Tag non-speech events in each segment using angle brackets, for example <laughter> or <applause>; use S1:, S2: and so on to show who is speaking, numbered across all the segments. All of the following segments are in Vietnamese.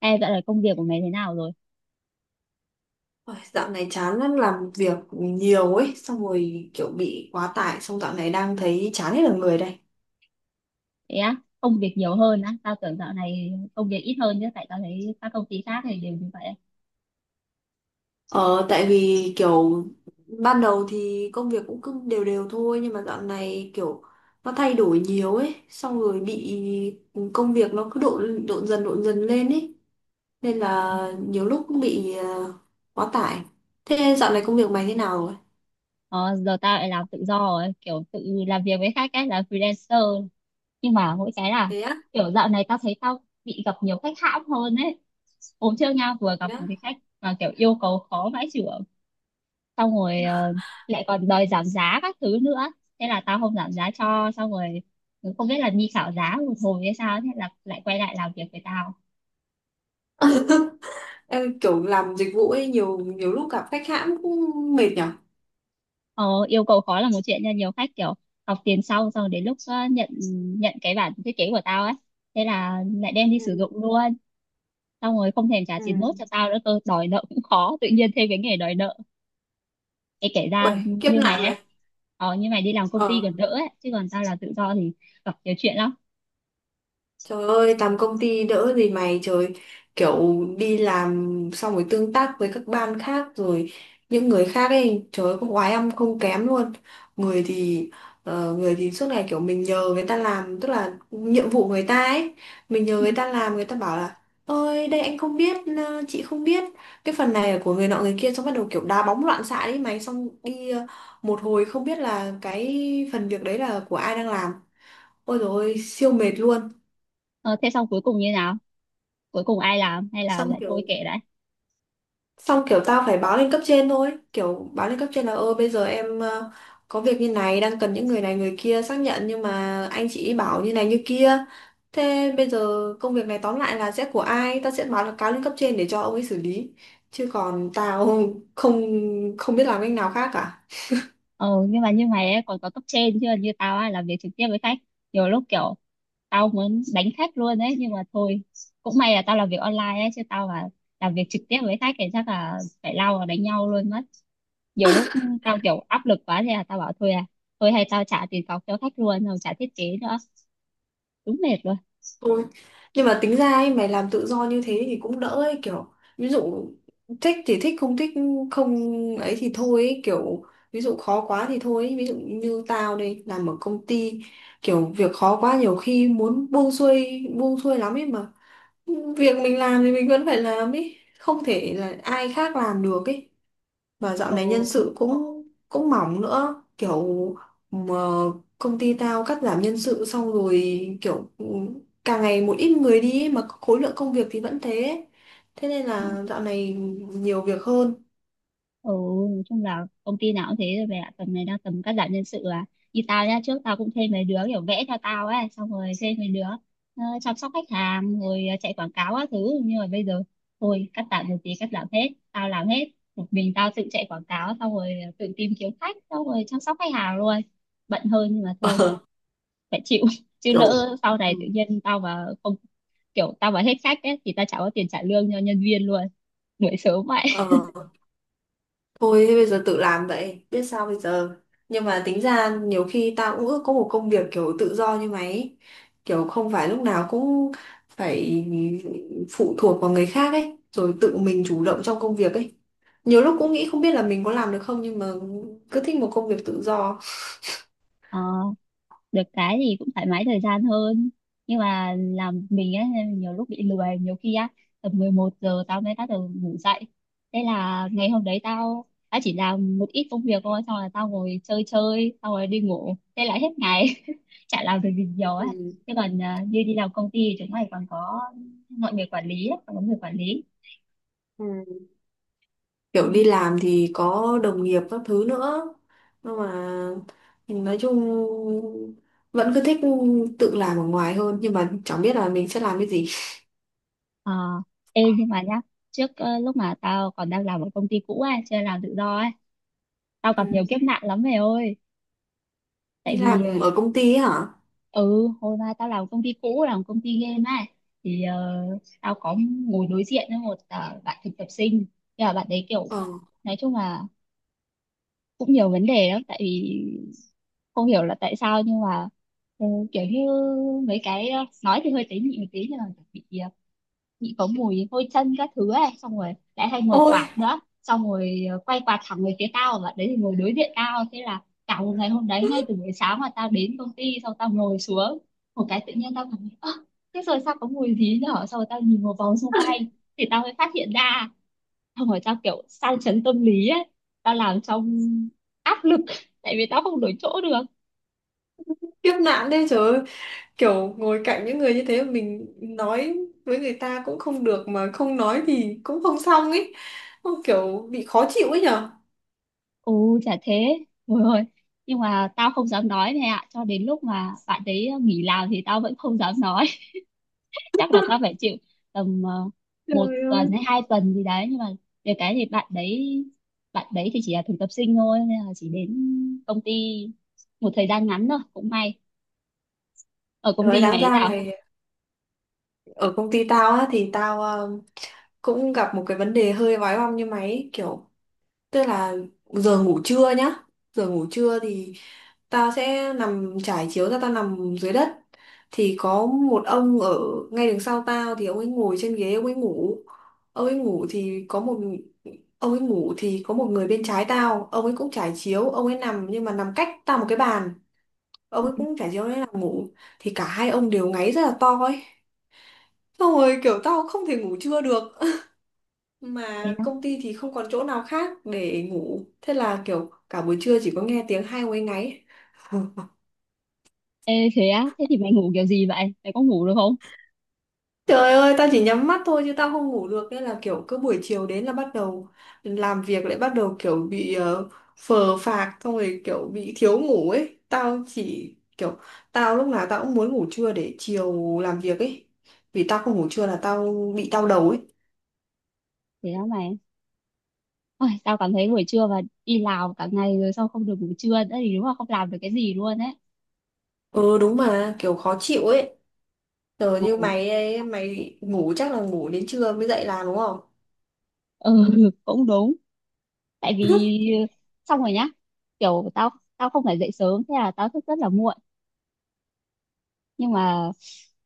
S1: Ê, dạo này công việc của mày thế nào rồi?
S2: Ôi, dạo này chán lắm làm việc nhiều ấy xong rồi kiểu bị quá tải xong dạo này đang thấy chán hết cả người đây.
S1: Thế á, công việc nhiều hơn á? Tao tưởng dạo này công việc ít hơn chứ, tại tao thấy các công ty khác thì đều như vậy.
S2: Ờ, tại vì kiểu ban đầu thì công việc cũng cứ đều đều thôi nhưng mà dạo này kiểu nó thay đổi nhiều ấy xong rồi bị công việc nó cứ độn độn dần lên ấy nên là nhiều lúc cũng bị quá tải. Thế dạo này công việc mày thế nào rồi?
S1: Ờ, giờ tao lại làm tự do rồi, kiểu tự làm việc với khách ấy, làm freelancer. Nhưng mà mỗi cái là
S2: Thế á?
S1: kiểu dạo này tao thấy tao bị gặp nhiều khách hãm hơn ấy. Hôm trước nha, vừa
S2: Thế
S1: gặp
S2: á?
S1: một cái khách mà kiểu yêu cầu khó vãi chưởng, xong rồi lại còn đòi giảm giá các thứ nữa. Thế là tao không giảm giá cho, xong rồi không biết là đi khảo giá một hồi hay sao, thế là lại quay lại làm việc với tao.
S2: Ê, kiểu làm dịch vụ ấy nhiều nhiều lúc gặp khách hãng cũng mệt nhở.
S1: Ờ, yêu cầu khó là một chuyện nha, nhiều khách kiểu học tiền sau, xong đến lúc nhận nhận cái bản thiết kế của tao ấy, thế là lại đem đi
S2: Ừ.
S1: sử dụng luôn, xong rồi không thèm trả
S2: Ừ.
S1: tiền nốt cho tao nữa cơ. Đòi nợ cũng khó, tự nhiên thêm cái nghề đòi nợ, cái kể
S2: Ui,
S1: ra
S2: kiếp
S1: như mày
S2: nạn
S1: ấy.
S2: mày.
S1: Như mày đi làm công ty
S2: Ờ,
S1: còn đỡ ấy chứ còn tao là tự do thì gặp nhiều chuyện lắm.
S2: trời ơi, làm công ty đỡ gì mày, trời. Kiểu đi làm xong rồi tương tác với các ban khác rồi những người khác ấy, trời ơi, có oái âm không kém luôn. Người thì người thì suốt ngày kiểu mình nhờ người ta làm, tức là nhiệm vụ người ta ấy, mình nhờ
S1: Ừ.
S2: người ta làm, người ta bảo là: Ôi, đây anh không biết, chị không biết. Cái phần này là của người nọ người kia. Xong bắt đầu kiểu đá bóng loạn xạ đấy mày. Xong đi một hồi không biết là cái phần việc đấy là của ai đang làm. Ôi dồi ôi, siêu mệt luôn.
S1: ờ, thế xong cuối cùng như nào, cuối cùng ai làm hay là
S2: Xong
S1: lại thôi
S2: kiểu
S1: kệ đấy?
S2: xong kiểu tao phải báo lên cấp trên thôi, kiểu báo lên cấp trên là ơ bây giờ em có việc như này đang cần những người này người kia xác nhận nhưng mà anh chị bảo như này như kia. Thế bây giờ công việc này tóm lại là sẽ của ai? Tao sẽ báo là cáo lên cấp trên để cho ông ấy xử lý. Chứ còn tao <laughs> không không biết làm cách nào khác cả.
S1: Ừ nhưng mà như mày ấy còn có cấp trên, chứ như tao á làm việc trực tiếp với khách, nhiều lúc kiểu tao muốn đánh khách luôn ấy, nhưng mà thôi, cũng may là tao làm việc online ấy, chứ tao mà làm việc trực tiếp với khách thì chắc là phải lao vào đánh nhau luôn mất. Nhiều lúc tao kiểu áp lực quá thì là tao bảo thôi à, thôi hay tao trả tiền cọc cho khách luôn, không trả thiết kế nữa, đúng mệt luôn.
S2: Thôi. Nhưng mà tính ra ấy, mày làm tự do như thế thì cũng đỡ ấy, kiểu ví dụ thích thì thích không ấy thì thôi ấy, kiểu ví dụ khó quá thì thôi ấy. Ví dụ như tao đây làm ở công ty kiểu việc khó quá nhiều khi muốn buông xuôi lắm ấy mà việc mình làm thì mình vẫn phải làm ấy không thể là ai khác làm được ấy và dạo
S1: Ừ.
S2: này nhân sự cũng cũng mỏng nữa kiểu mà công ty tao cắt giảm nhân sự xong rồi kiểu càng ngày một ít người đi ấy, mà khối lượng công việc thì vẫn thế thế nên là dạo này nhiều việc hơn.
S1: Ừ, nói chung là công ty nào cũng thế rồi về ạ. Tầm này đang tầm cắt giảm nhân sự à. Như tao nhá, trước tao cũng thuê mấy đứa kiểu vẽ theo tao ấy, xong rồi thuê mấy đứa chăm sóc khách hàng, rồi chạy quảng cáo các thứ. Nhưng mà bây giờ, thôi, cắt giảm một tí, cắt giảm hết. Tao làm hết. Một mình tao tự chạy quảng cáo, xong rồi tự tìm kiếm khách, xong rồi chăm sóc khách hàng luôn. Bận hơn nhưng mà thôi,
S2: <laughs>
S1: phải chịu.
S2: Ờ,
S1: <laughs> Chứ
S2: kiểu,
S1: lỡ sau
S2: ừ,
S1: này tự nhiên tao mà không, kiểu tao mà hết khách ấy, thì tao chả có tiền trả lương cho nhân viên luôn. Đuổi sớm vậy.
S2: ờ, thôi thế bây giờ tự làm vậy biết sao bây giờ. Nhưng mà tính ra nhiều khi tao cũng ước có một công việc kiểu tự do như mày ấy. Kiểu không phải lúc nào cũng phải phụ thuộc vào người khác ấy rồi tự mình chủ động trong công việc ấy nhiều lúc cũng nghĩ không biết là mình có làm được không nhưng mà cứ thích một công việc tự do.
S1: Ờ, được cái thì cũng thoải mái thời gian hơn, nhưng mà làm mình ấy nên nhiều lúc bị lười. Nhiều khi á, tầm 11 giờ tao mới bắt đầu ngủ dậy, thế là ngày hôm đấy tao tao chỉ làm một ít công việc thôi, xong rồi tao ngồi chơi chơi xong rồi đi ngủ, thế là hết ngày. <laughs> Chả làm được gì nhiều ấy.
S2: Ừ.
S1: Thế còn à, như đi làm công ty thì chúng mày còn có mọi người quản lý ấy, còn có người quản lý.
S2: Ừ.
S1: Đó.
S2: Kiểu đi làm thì có đồng nghiệp các thứ nữa nhưng mà nói chung vẫn cứ thích tự làm ở ngoài hơn nhưng mà chẳng biết là mình sẽ làm cái gì.
S1: Ờ, ê nhưng mà nhá, trước lúc mà tao còn đang làm ở công ty cũ ấy, chưa làm tự do ấy, tao
S2: Ừ.
S1: gặp nhiều kiếp nạn lắm mày ơi. Tại
S2: Đi
S1: vì
S2: làm ở công ty ấy hả?
S1: ừ, hồi mà tao làm công ty cũ, làm công ty game á, thì tao có ngồi đối diện với một bạn thực tập sinh, nhưng mà bạn đấy kiểu
S2: Ờ.
S1: nói chung là cũng nhiều vấn đề lắm. Tại vì không hiểu là tại sao nhưng mà ừ, kiểu như mấy cái nói thì hơi tế nhị một tí, nhưng mà bị bị có mùi hôi chân các thứ ấy, xong rồi lại hay ngồi
S2: Ôi
S1: quạt nữa, xong rồi quay quạt thẳng về phía tao, và đấy thì ngồi đối diện tao, thế là cả một ngày hôm đấy ngay từ buổi sáng mà tao đến công ty xong tao ngồi xuống một cái, tự nhiên tao cảm thấy ơ, thế rồi sao có mùi gì nhở, xong rồi tao nhìn một vòng xung quanh, thì tao mới phát hiện ra, xong rồi tao kiểu sang chấn tâm lý ấy, tao làm trong áp lực. <laughs> Tại vì tao không đổi chỗ được.
S2: kiếp nạn đấy trời ơi. Kiểu ngồi cạnh những người như thế mà mình nói với người ta cũng không được mà không nói thì cũng không xong ấy. Không, kiểu bị khó chịu ấy nhở.
S1: Ồ, chả thế. Ôi ơi. Nhưng mà tao không dám nói này ạ. Cho đến lúc mà bạn đấy nghỉ làm thì tao vẫn không dám nói. <laughs> Chắc là tao phải chịu tầm một
S2: Trời
S1: tuần hay
S2: ơi.
S1: 2 tuần gì đấy. Nhưng mà về cái thì bạn đấy thì chỉ là thực tập sinh thôi. Nên là chỉ đến công ty một thời gian ngắn thôi. Cũng may. Ở công
S2: Rồi
S1: ty mày
S2: đáng
S1: thế
S2: ra
S1: nào?
S2: mày ở công ty tao á thì tao cũng gặp một cái vấn đề hơi vói bong như mày ấy, kiểu tức là giờ ngủ trưa nhá giờ ngủ trưa thì tao sẽ nằm trải chiếu ra tao nằm dưới đất thì có một ông ở ngay đằng sau tao thì ông ấy ngồi trên ghế ông ấy ngủ thì có một ông ấy ngủ thì có một người bên trái tao ông ấy cũng trải chiếu ông ấy nằm nhưng mà nằm cách tao một cái bàn ông
S1: Ừ.
S2: ấy cũng trải chiếu ông ấy nằm ngủ thì cả hai ông đều ngáy rất là to ấy. Xong rồi kiểu tao không thể ngủ trưa được. <laughs>
S1: Thế
S2: Mà
S1: á?
S2: công ty thì không còn chỗ nào khác để ngủ. Thế là kiểu cả buổi trưa chỉ có nghe tiếng hai quấy ngáy. <laughs>
S1: Ê, thế á? Thế thì mày ngủ kiểu gì vậy? Mày có ngủ được không?
S2: Trời ơi, tao chỉ nhắm mắt thôi chứ tao không ngủ được. Nên là kiểu cứ buổi chiều đến là bắt đầu làm việc lại bắt đầu kiểu bị phờ phạc. Xong rồi kiểu bị thiếu ngủ ấy. Tao chỉ kiểu tao lúc nào tao cũng muốn ngủ trưa để chiều làm việc ấy. Vì tao không ngủ trưa là tao bị đau đầu ấy.
S1: Thế á mày. Ôi, tao cảm thấy buổi trưa và đi làm cả ngày rồi sao không được ngủ trưa nữa thì đúng là không làm được cái gì luôn ấy.
S2: Ừ đúng mà kiểu khó chịu ấy. Giờ như
S1: Ừ,
S2: mày ấy, mày ngủ chắc là ngủ đến trưa mới dậy làm đúng không?
S1: ừ, <laughs> cũng đúng. Tại vì ờ, xong rồi nhá, kiểu tao tao không phải dậy sớm, thế là tao thức rất là muộn, nhưng mà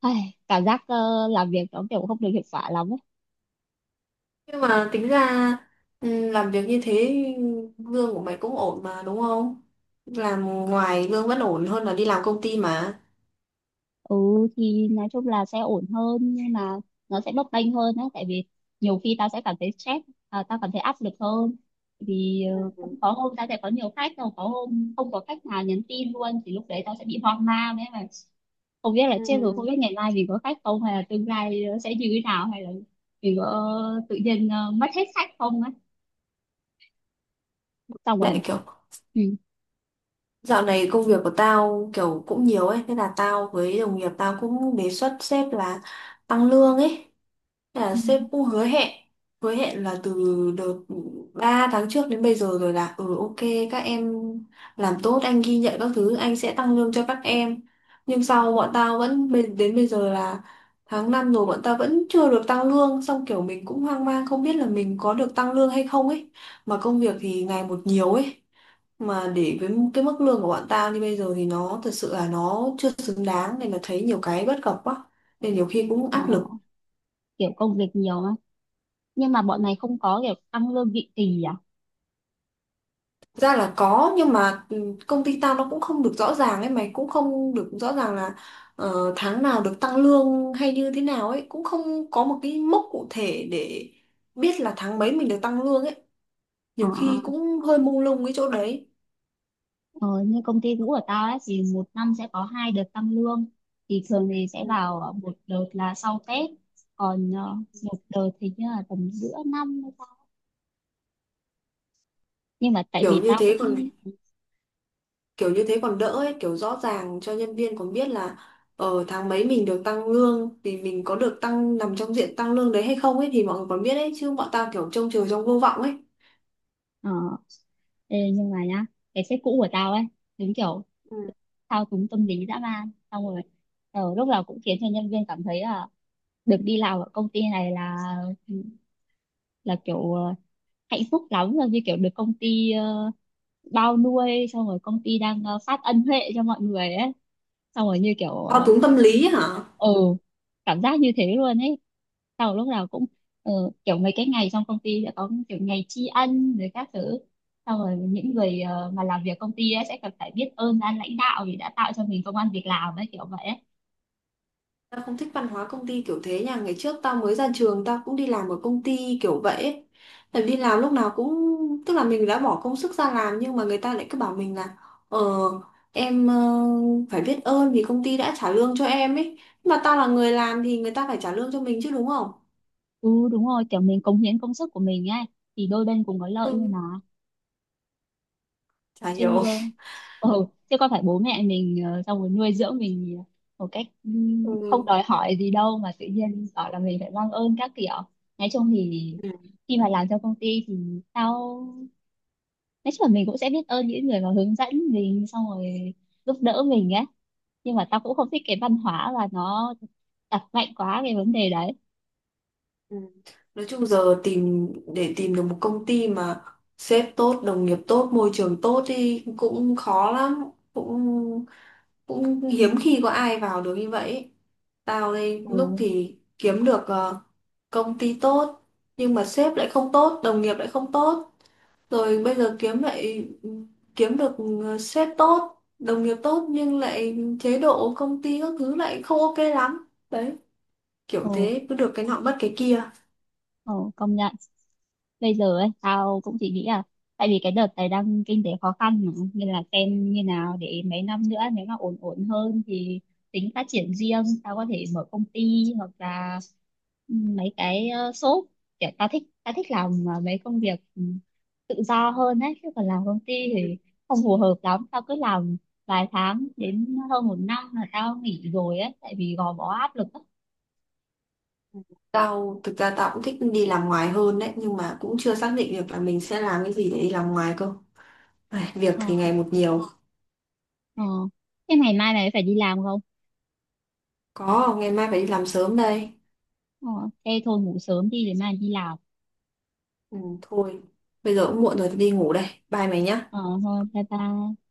S1: ai, cảm giác làm việc nó kiểu không được hiệu quả lắm ấy.
S2: Nhưng mà tính ra làm việc như thế lương của mày cũng ổn mà đúng không? Làm ngoài lương vẫn ổn hơn là đi làm công ty mà.
S1: Ừ, thì nói chung là sẽ ổn hơn nhưng mà nó sẽ bấp bênh hơn á. Tại vì nhiều khi tao sẽ cảm thấy stress, à, tao cảm thấy áp lực hơn. Vì
S2: Ừ.
S1: cũng có hôm tao sẽ có nhiều khách, rồi có hôm không có khách nào nhắn tin luôn, thì lúc đấy tao sẽ bị hoang mang ấy mà, không biết là chết rồi, không
S2: Ừ.
S1: biết ngày mai mình có khách không, hay là tương lai nó sẽ như thế nào, hay là mình có tự nhiên mất hết khách không á, xong rồi.
S2: Lại kiểu
S1: Ừ.
S2: dạo này công việc của tao kiểu cũng nhiều ấy, thế là tao với đồng nghiệp tao cũng đề xuất sếp là tăng lương ấy. Là
S1: Ừ,
S2: sếp cũng hứa hẹn là từ đợt 3 tháng trước đến bây giờ rồi là ừ ok các em làm tốt anh ghi nhận các thứ anh sẽ tăng lương cho các em nhưng sau
S1: ừ.
S2: bọn tao vẫn đến bây giờ là tháng 5 rồi bọn tao vẫn chưa được tăng lương xong kiểu mình cũng hoang mang không biết là mình có được tăng lương hay không ấy mà công việc thì ngày một nhiều ấy mà để với cái mức lương của bọn tao như bây giờ thì nó thật sự là nó chưa xứng đáng nên là thấy nhiều cái bất cập quá nên nhiều khi cũng
S1: Ờ,
S2: áp lực.
S1: kiểu công việc nhiều á, nhưng mà bọn này không có kiểu tăng lương định kỳ à?
S2: Ra là có nhưng mà công ty tao nó cũng không được rõ ràng ấy mày cũng không được rõ ràng là tháng nào được tăng lương hay như thế nào ấy cũng không có một cái mốc cụ thể để biết là tháng mấy mình được tăng lương ấy nhiều khi
S1: À,
S2: cũng hơi mông lung cái chỗ đấy.
S1: ờ, như công ty cũ của tao ấy thì một năm sẽ có hai đợt tăng lương. Thì thường thì sẽ
S2: Ừ.
S1: vào một đợt là sau Tết, còn một đợt thì như là tầm giữa năm hay sao. Nhưng mà tại
S2: kiểu
S1: vì
S2: như
S1: tao
S2: thế còn
S1: cũng
S2: kiểu như thế còn đỡ ấy kiểu rõ ràng cho nhân viên còn biết là ở tháng mấy mình được tăng lương thì mình có được tăng nằm trong diện tăng lương đấy hay không ấy thì mọi người còn biết ấy chứ bọn tao kiểu trông chờ trong vô vọng ấy.
S1: ờ, ê, nhưng mà nhá, cái sếp cũ của tao ấy đúng kiểu
S2: Ừ.
S1: thao túng tâm lý dã man, xong rồi lúc nào cũng khiến cho nhân viên cảm thấy là được đi làm ở công ty này là kiểu hạnh phúc lắm rồi, như kiểu được công ty bao nuôi, xong rồi công ty đang phát ân huệ cho mọi người ấy, xong rồi như kiểu
S2: Thao túng tâm lý ấy hả?
S1: ừ cảm giác như thế luôn ấy. Sau lúc nào cũng ờ, kiểu mấy cái ngày trong công ty sẽ có kiểu ngày tri ân rồi các thứ, xong rồi những người mà làm việc công ty ấy sẽ cần phải biết ơn ban lãnh đạo vì đã tạo cho mình công ăn việc làm ấy, kiểu vậy ấy.
S2: Tao không thích văn hóa công ty kiểu thế nha. Ngày trước tao mới ra trường. Tao cũng đi làm ở công ty kiểu vậy ấy. Tại vì đi làm lúc nào cũng tức là mình đã bỏ công sức ra làm. Nhưng mà người ta lại cứ bảo mình là: Ờ, em phải biết ơn vì công ty đã trả lương cho em ấy. Nhưng mà tao là người làm thì người ta phải trả lương cho mình chứ đúng không?
S1: Ừ, đúng rồi, kiểu mình cống hiến công sức của mình ấy thì đôi bên cùng có lợi thôi
S2: Ừ.
S1: mà.
S2: Chả
S1: Chứ
S2: hiểu.
S1: ừ, chứ có phải bố mẹ mình xong rồi nuôi dưỡng mình một cách
S2: Ừ.
S1: không đòi hỏi gì đâu mà tự nhiên bảo là mình phải mang ơn các kiểu. Nói chung thì
S2: Ừ.
S1: khi mà làm cho công ty thì tao, nói chung là mình cũng sẽ biết ơn những người mà hướng dẫn mình, xong rồi giúp đỡ mình ấy, nhưng mà tao cũng không thích cái văn hóa và nó đặt mạnh quá cái vấn đề đấy.
S2: Ừ. Nói chung giờ tìm để tìm được một công ty mà sếp tốt, đồng nghiệp tốt, môi trường tốt thì cũng khó lắm, cũng cũng hiếm khi có ai vào được như vậy ấy. Tao đây
S1: Ừ.
S2: lúc thì kiếm được công ty tốt nhưng mà sếp lại không tốt đồng nghiệp lại không tốt rồi bây giờ kiếm được sếp tốt đồng nghiệp tốt nhưng lại chế độ công ty các thứ lại không ok lắm đấy kiểu
S1: Ừ.
S2: thế cứ được cái nọ mất cái kia.
S1: Ờ, công nhận, bây giờ ấy tao cũng chỉ nghĩ là tại vì cái đợt này đang kinh tế khó khăn mà, nên là xem như nào để mấy năm nữa nếu mà ổn ổn hơn thì tính phát triển riêng. Tao có thể mở công ty hoặc là ừ, mấy cái shop. Kiểu tao thích, tao thích làm mấy công việc tự do hơn ấy, chứ còn làm công ty
S2: Ừ.
S1: thì không phù hợp lắm. Tao cứ làm vài tháng đến hơn một năm là tao nghỉ rồi ấy, tại vì gò bó áp lực á.
S2: Ừ. Tao thực ra tao cũng thích đi làm ngoài hơn đấy nhưng mà cũng chưa xác định được là mình sẽ làm cái gì để đi làm ngoài cơ. Ai, việc
S1: Ờ.
S2: thì ngày một nhiều.
S1: Ờ, thế ngày mai mày phải đi làm không?
S2: Có, ngày mai phải đi làm sớm đây.
S1: Ờ, thế thôi ngủ sớm đi để mai đi làm.
S2: Ừ, thôi, bây giờ cũng muộn rồi, tôi đi ngủ đây. Bye mày nhá.
S1: Ờ, thôi bye bye.